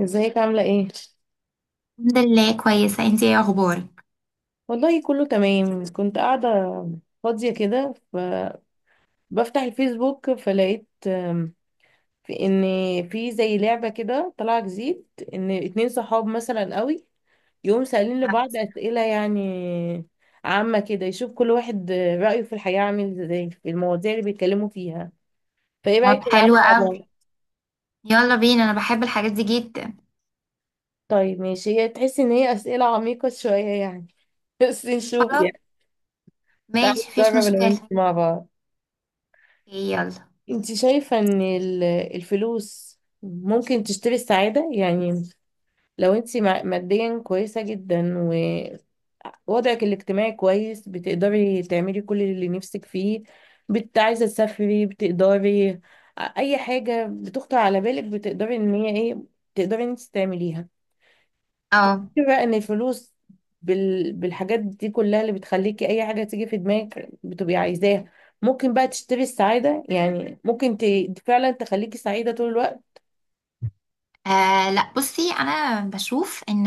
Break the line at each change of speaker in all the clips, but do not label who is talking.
ازيك عاملة ايه؟
الحمد لله كويسة، انتي ايه اخبارك؟
والله كله تمام كنت قاعدة فاضية كده فبفتح الفيسبوك فلقيت في في زي لعبة كده طالعة جديد ان اتنين صحاب مثلا قوي يقوم سألين لبعض اسئلة يعني عامة كده يشوف كل واحد رأيه في الحياة عامل ازاي في المواضيع اللي بيتكلموا فيها، فايه
طب
رأيك
حلو
تلعبوا مع
قوي.
بعض؟
يلا بينا، انا بحب الحاجات دي جدا.
طيب ماشي، هي تحس ان هي اسئلة عميقة شوية يعني بس نشوف
خلاص،
يعني. تعالوا
ماشي مفيش
نجرب انا وانت
مشكلة.
مع بعض.
اوكي، يلا.
انت شايفة ان الفلوس ممكن تشتري السعادة يعني؟ لو انت ماديا كويسة جدا ووضعك الاجتماعي كويس بتقدري تعملي كل اللي نفسك فيه، بت عايزة تسافري بتقدري، اي حاجة بتخطر على بالك بتقدري ان هي ايه، تقدري ان انت تعمليها.
اه.
بقى ان الفلوس بالحاجات دي كلها اللي بتخليكي اي حاجه تيجي في دماغك بتبقي عايزاها، ممكن بقى تشتري السعاده يعني؟ ممكن فعلا تخليكي سعيده طول الوقت؟
لا بصي، انا بشوف ان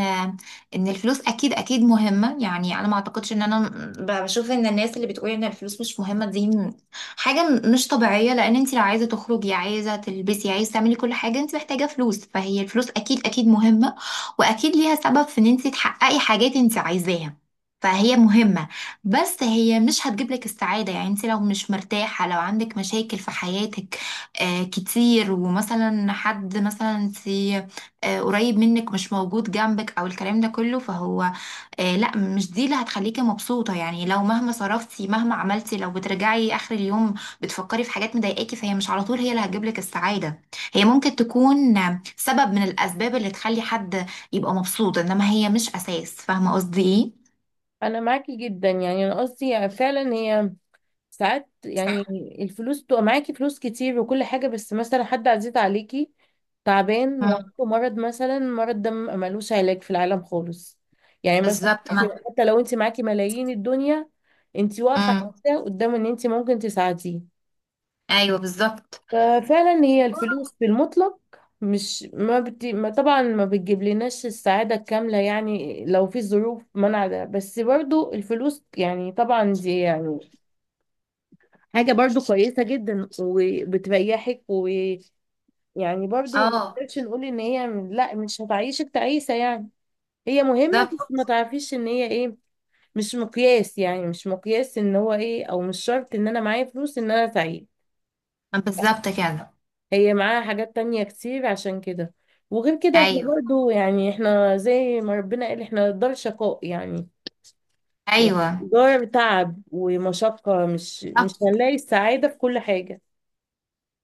ان الفلوس اكيد مهمه، يعني انا ما اعتقدش ان انا بشوف ان الناس اللي بتقول ان الفلوس مش مهمه حاجه مش طبيعيه، لان انت لو عايزه تخرجي، عايزه تلبسي، عايزه تعملي كل حاجه، انت محتاجه فلوس، فهي الفلوس اكيد مهمه. واكيد ليها سبب في ان انت تحققي حاجات انت عايزاها، فهي مهمة. بس هي مش هتجيب لك السعادة، يعني انت لو مش مرتاحة، لو عندك مشاكل في حياتك، آه، كتير، ومثلا حد مثلا سي آه، قريب منك مش موجود جنبك او الكلام ده كله، فهو لا، مش دي اللي هتخليكي مبسوطة. يعني لو مهما صرفتي مهما عملتي، لو بترجعي اخر اليوم بتفكري في حاجات مضايقاكي، فهي مش على طول هي اللي هتجيبلك السعادة. هي ممكن تكون سبب من الاسباب اللي تخلي حد يبقى مبسوط، انما هي مش اساس. فاهمة قصدي ايه؟
انا معاكي جدا، يعني انا قصدي فعلا هي ساعات يعني الفلوس تبقى معاكي فلوس كتير وكل حاجة، بس مثلا حد عزيز عليكي تعبان وعنده
مم.
مرض، مثلا مرض ده ملوش علاج في العالم خالص يعني، مثلا
بالظبط. ما
حتى لو انت معاكي ملايين الدنيا انت واقفة
مم.
عاجزة قدام ان انت ممكن تساعديه.
ايوه بالظبط.
ففعلا هي الفلوس بالمطلق مش ما, بت... ما طبعا ما بتجيب لناش السعادة الكاملة يعني لو في ظروف منع ده، بس برضو الفلوس يعني طبعا دي يعني حاجة برضو كويسة جدا وبتريحك، ويعني برضو ما
اه.
نقدرش نقول ان هي لا مش هتعيشك تعيسة يعني. هي مهمة بس ما
بالظبط.
تعرفيش ان هي ايه، مش مقياس يعني، مش مقياس ان هو ايه، او مش شرط ان انا معايا فلوس ان انا سعيد.
بالظبط كده.
هي معاها حاجات تانية كتير عشان كده. وغير كده احنا
ايوه.
برضو يعني احنا زي ما ربنا قال احنا دار شقاء يعني،
ايوه
دار تعب ومشقة، مش
بالظبط.
هنلاقي السعادة في كل حاجة.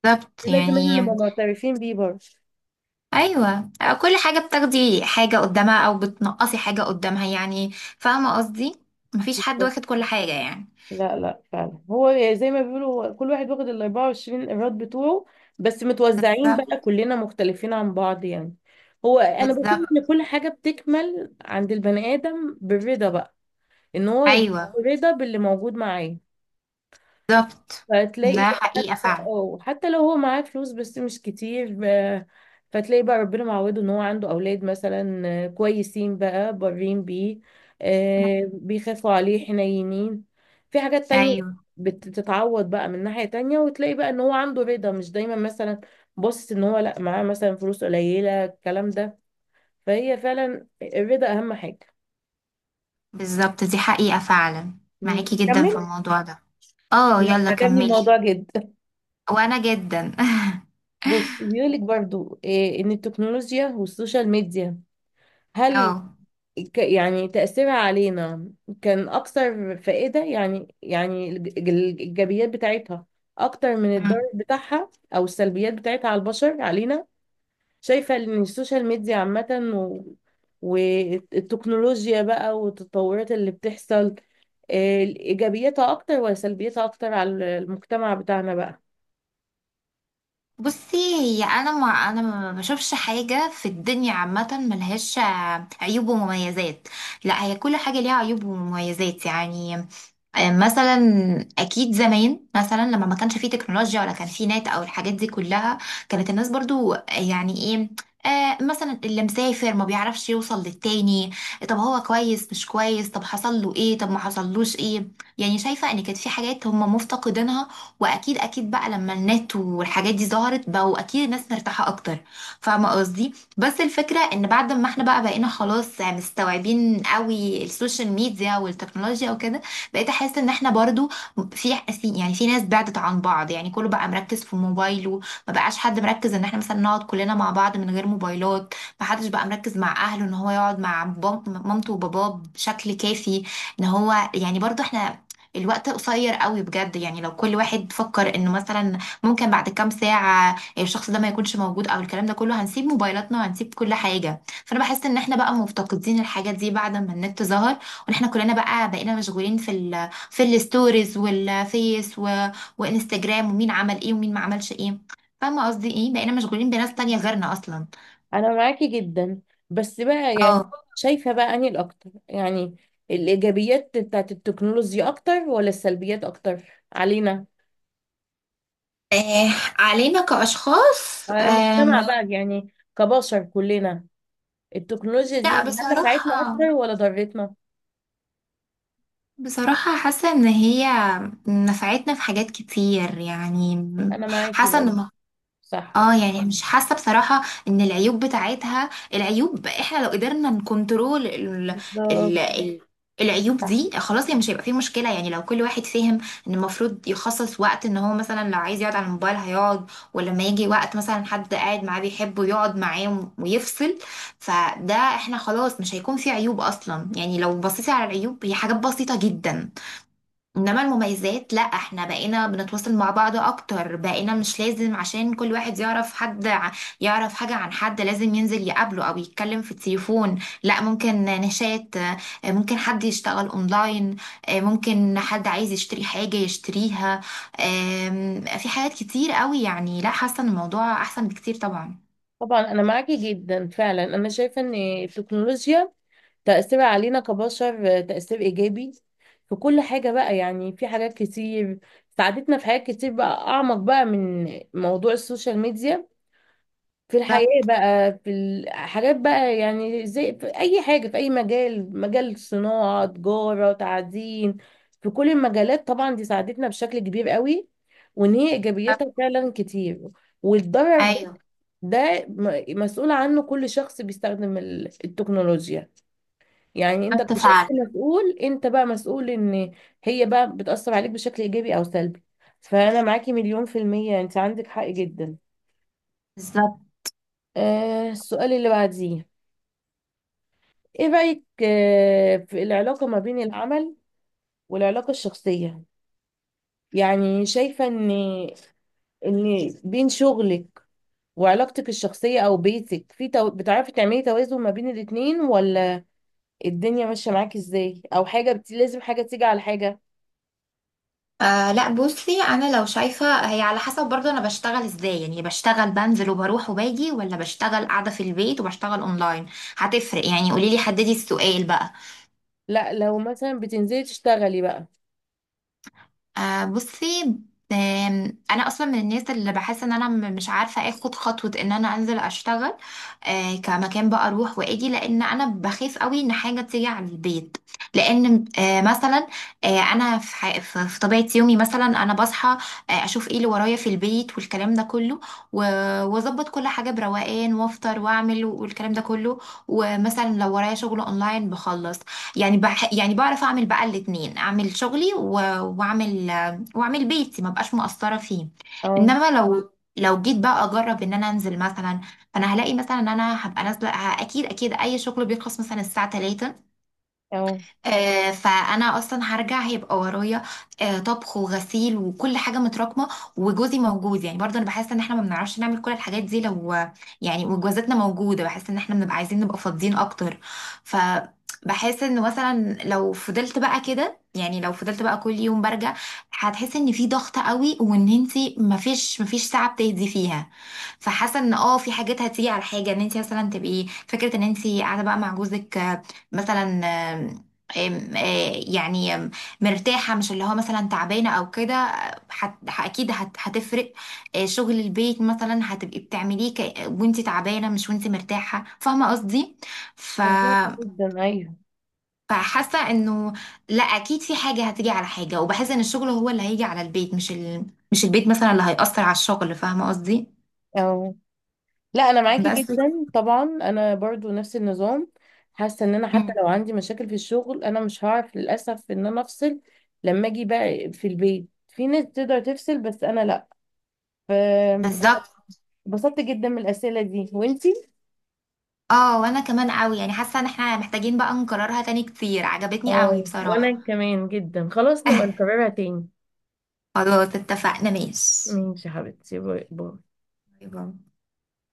بالظبط.
ده لازم احنا نبقى
يعني
معترفين بيه برضه.
ايوه، كل حاجه بتاخدي حاجه قدامها او بتنقصي حاجه قدامها، يعني فاهمه قصدي، مفيش حد واخد كل حاجه يعني.
لا فعلا هو يعني زي ما بيقولوا كل واحد واخد ال 24 ايراد بتوعه، بس متوزعين بقى،
بالظبط.
كلنا مختلفين عن بعض يعني. هو انا بشوف ان
بالظبط.
كل حاجة بتكمل عند البني ادم بالرضا بقى، ان هو يبقى
ايوه.
رضا باللي موجود معاه.
بالظبط.
فتلاقي
ده
بقى
حقيقه
حتى،
فعلا.
اه حتى لو هو معاه فلوس بس مش كتير، فتلاقي بقى ربنا معوده ان هو عنده اولاد مثلا، كويسين بقى بارين بيه، بيخافوا عليه حنينين، في حاجات تانية
ايوه.
بتتعوض بقى من ناحية تانية. وتلاقي بقى ان هو عنده رضا، مش دايما مثلا باصص ان هو لا معاه مثلا فلوس قليلة الكلام ده. فهي فعلا الرضا اهم حاجة.
بالظبط. دي حقيقه فعلا،
مم.
معاكي جدا في
نكمل.
الموضوع ده. اه
لا،
يلا
عجبني
كملي.
الموضوع جدا.
وانا جدا
بص، بيقولك برضو إيه ان التكنولوجيا والسوشيال ميديا هل
اه
يعني تأثيرها علينا كان اكثر فائدة يعني؟ يعني الايجابيات بتاعتها اكتر من الضرر بتاعها او السلبيات بتاعتها على البشر علينا؟ شايفة ان السوشيال ميديا عامة و... والتكنولوجيا بقى والتطورات اللي بتحصل، إيه ايجابياتها اكتر ولا سلبياتها اكتر على المجتمع بتاعنا بقى؟
بصي، هي انا ما انا ما بشوفش حاجه في الدنيا عامه ملهاش عيوب ومميزات. لا، هي كل حاجه ليها عيوب ومميزات. يعني آه، مثلا اكيد زمان مثلا لما ما كانش فيه تكنولوجيا ولا كان فيه نت او الحاجات دي كلها، كانت الناس برضو آه، يعني ايه، مثلا اللي مسافر ما بيعرفش يوصل للتاني، طب هو كويس مش كويس، طب حصل له ايه، طب ما حصلوش ايه. يعني شايفة ان كانت في حاجات هم مفتقدينها، واكيد بقى لما النت والحاجات دي ظهرت، بقوا اكيد الناس مرتاحة اكتر. فاهمة قصدي؟ بس الفكرة ان بعد ما احنا بقى بقينا خلاص مستوعبين قوي السوشيال ميديا والتكنولوجيا وكده، بقيت احس ان احنا برضو في ناس بعدت عن بعض، يعني كله بقى مركز في موبايله، ما بقاش حد مركز ان احنا مثلا نقعد كلنا مع بعض من غير موبايلات. ما حدش بقى مركز مع اهله ان هو يقعد مع مامته وباباه بشكل كافي، ان هو يعني برضو احنا الوقت قصير قوي بجد. يعني لو كل واحد فكر انه مثلا ممكن بعد كام ساعة الشخص ده ما يكونش موجود او الكلام ده كله، هنسيب موبايلاتنا وهنسيب كل حاجة. فانا بحس ان احنا بقى مفتقدين الحاجات دي بعد ما النت ظهر، احنا كلنا بقى بقينا مشغولين في الستوريز والفيس وانستجرام، ومين عمل ايه ومين ما عملش ايه. فاهمه قصدي ايه؟ بقينا مشغولين بناس تانية غيرنا اصلا.
انا معاكي جدا، بس بقى يعني
اه.
شايفه بقى اني الاكتر يعني الايجابيات بتاعت التكنولوجيا اكتر ولا السلبيات اكتر علينا؟
آه، علينا كأشخاص؟
على المجتمع بقى يعني كبشر كلنا، التكنولوجيا دي
لا
هل نفعتنا اكتر
بصراحة،
ولا ضرتنا؟
بصراحة حاسة ان هي نفعتنا في حاجات كتير يعني.
انا معاكي
حاسة
برضه.
ان
صح.
اه، يعني مش حاسه بصراحه ان العيوب بتاعتها، العيوب احنا لو قدرنا نكنترول ال...
بالظبط.
ال... العيوب
صح.
دي، خلاص، هي مش هيبقى فيه مشكله. يعني لو كل واحد فهم ان المفروض يخصص وقت، ان هو مثلا لو عايز يقعد على الموبايل هيقعد، ولما يجي وقت مثلا حد قاعد معاه بيحبه، يقعد معاه ويفصل. فده احنا خلاص مش هيكون فيه عيوب اصلا. يعني لو بصيتي على العيوب، هي حاجات بسيطه جدا. انما المميزات لا، احنا بقينا بنتواصل مع بعض اكتر، بقينا مش لازم عشان كل واحد يعرف حد يعرف حاجة عن حد، لازم ينزل يقابله او يتكلم في التليفون. لا، ممكن نشات، آه، ممكن حد يشتغل اونلاين، آه، ممكن حد عايز يشتري حاجة يشتريها. آم، في حاجات كتير قوي يعني، لا، حاسة ان الموضوع احسن بكتير طبعا.
طبعا انا معاكي جدا فعلا، انا شايفه ان التكنولوجيا تأثيرها علينا كبشر، آه، تأثير إيجابي في كل حاجة بقى يعني. في حاجات كتير ساعدتنا في حاجات كتير بقى، أعمق بقى من موضوع السوشيال ميديا، في الحياة
بالظبط.
بقى، في الحاجات بقى يعني زي في أي حاجة في أي مجال، مجال صناعة، تجارة، تعدين، في كل المجالات، طبعا دي ساعدتنا بشكل كبير قوي، وإن هي إيجابيتها فعلا كتير. والضرر ده،
ايوه.
ده مسؤول عنه كل شخص بيستخدم التكنولوجيا يعني. انت
بالظبط فعلا.
كشخص مسؤول، انت بقى مسؤول ان هي بقى بتأثر عليك بشكل ايجابي او سلبي. فانا معاكي مليون في المية، انت عندك حق جدا.
بالظبط.
آه السؤال اللي بعديه، ايه رأيك آه في العلاقة ما بين العمل والعلاقة الشخصية؟ يعني شايفة ان ان بين شغلك وعلاقتك الشخصية او بيتك في بتعرفي تعملي توازن ما بين الاتنين، ولا الدنيا ماشية معاكي ازاي، او حاجة لازم حاجة تيجي على حاجة؟
لا بصي، انا لو شايفه، هي على حسب برضه انا بشتغل ازاي. يعني بشتغل بنزل وبروح وباجي، ولا بشتغل قاعده في البيت وبشتغل اونلاين، هتفرق. يعني قولي لي حددي السؤال بقى.
لا لو مثلا بتنزلي تشتغلي بقى.
آه بصي، انا اصلا من الناس اللي بحس ان انا مش عارفه اخد خطوه ان انا انزل اشتغل كمكان بقى، اروح واجي، لان انا بخاف قوي ان حاجه تيجي على البيت. لان آه مثلا، آه انا في, ح- في في طبيعه يومي مثلا انا بصحى، آه اشوف ايه اللي ورايا في البيت والكلام ده كله، و- واظبط كل حاجه بروقان، وافطر واعمل والكلام ده كله. ومثلا لو ورايا شغل اونلاين بخلص، يعني بح يعني بعرف اعمل بقى الاتنين، اعمل شغلي واعمل واعمل بيتي، ما بقاش مقصرة فيه.
اه.
انما لو جيت بقى اجرب ان انا انزل مثلا، فانا هلاقي مثلا ان انا هبقى نازله، اكيد اي شغل بيخلص مثلا الساعه 3،
اه
آه، فانا اصلا هرجع هيبقى ورايا آه، طبخ وغسيل وكل حاجه متراكمه، وجوزي موجود. يعني برضه انا بحس ان احنا ما بنعرفش نعمل كل الحاجات دي لو، يعني وجوازاتنا موجوده، بحس ان احنا بنبقى عايزين نبقى فاضيين اكتر. ف بحس ان مثلا لو فضلت بقى كده، يعني لو فضلت بقى كل يوم برجع، هتحس ان في ضغط قوي، وان انتي مفيش ساعه بتهدي فيها. فحاسه ان اه في حاجات هتيجي على حاجه، ان انت مثلا تبقي فكره ان انت قاعده بقى مع جوزك، آه، مثلا أم- آه، يعني أم، مرتاحة، مش اللي هو مثلا تعبانة أو كده. آه، أكيد هتفرق. آه، شغل البيت مثلا هتبقي بتعمليه وانتي تعبانة، مش وانتي مرتاحة، فاهمة قصدي؟ ف...
فهماكي جدا، ايوه.
فحاسة إنه لا، أكيد في حاجة هتيجي على حاجة، وبحس إن الشغل هو اللي هيجي على البيت، مش مش البيت مثلا اللي هيأثر على الشغل، فاهمة قصدي؟
اه لا انا معاكي
بس
جدا طبعا، انا برضو نفس النظام. حاسه ان انا حتى
مم.
لو عندي مشاكل في الشغل انا مش هعرف للاسف ان انا افصل. لما اجي بقى في البيت، في ناس تقدر تفصل بس انا لا. فبسطت
بالظبط.
جدا من الاسئله دي، وانتي؟
اه وانا كمان قوي. يعني حاسه ان احنا محتاجين بقى نكررها تاني كتير، عجبتني قوي
اه
بصراحه.
وانا كمان جدا، خلاص نبقى نكررها تاني.
خلاص اتفقنا، ماشي.
ماشي يا حبيبتي، باي باي.
باي باي.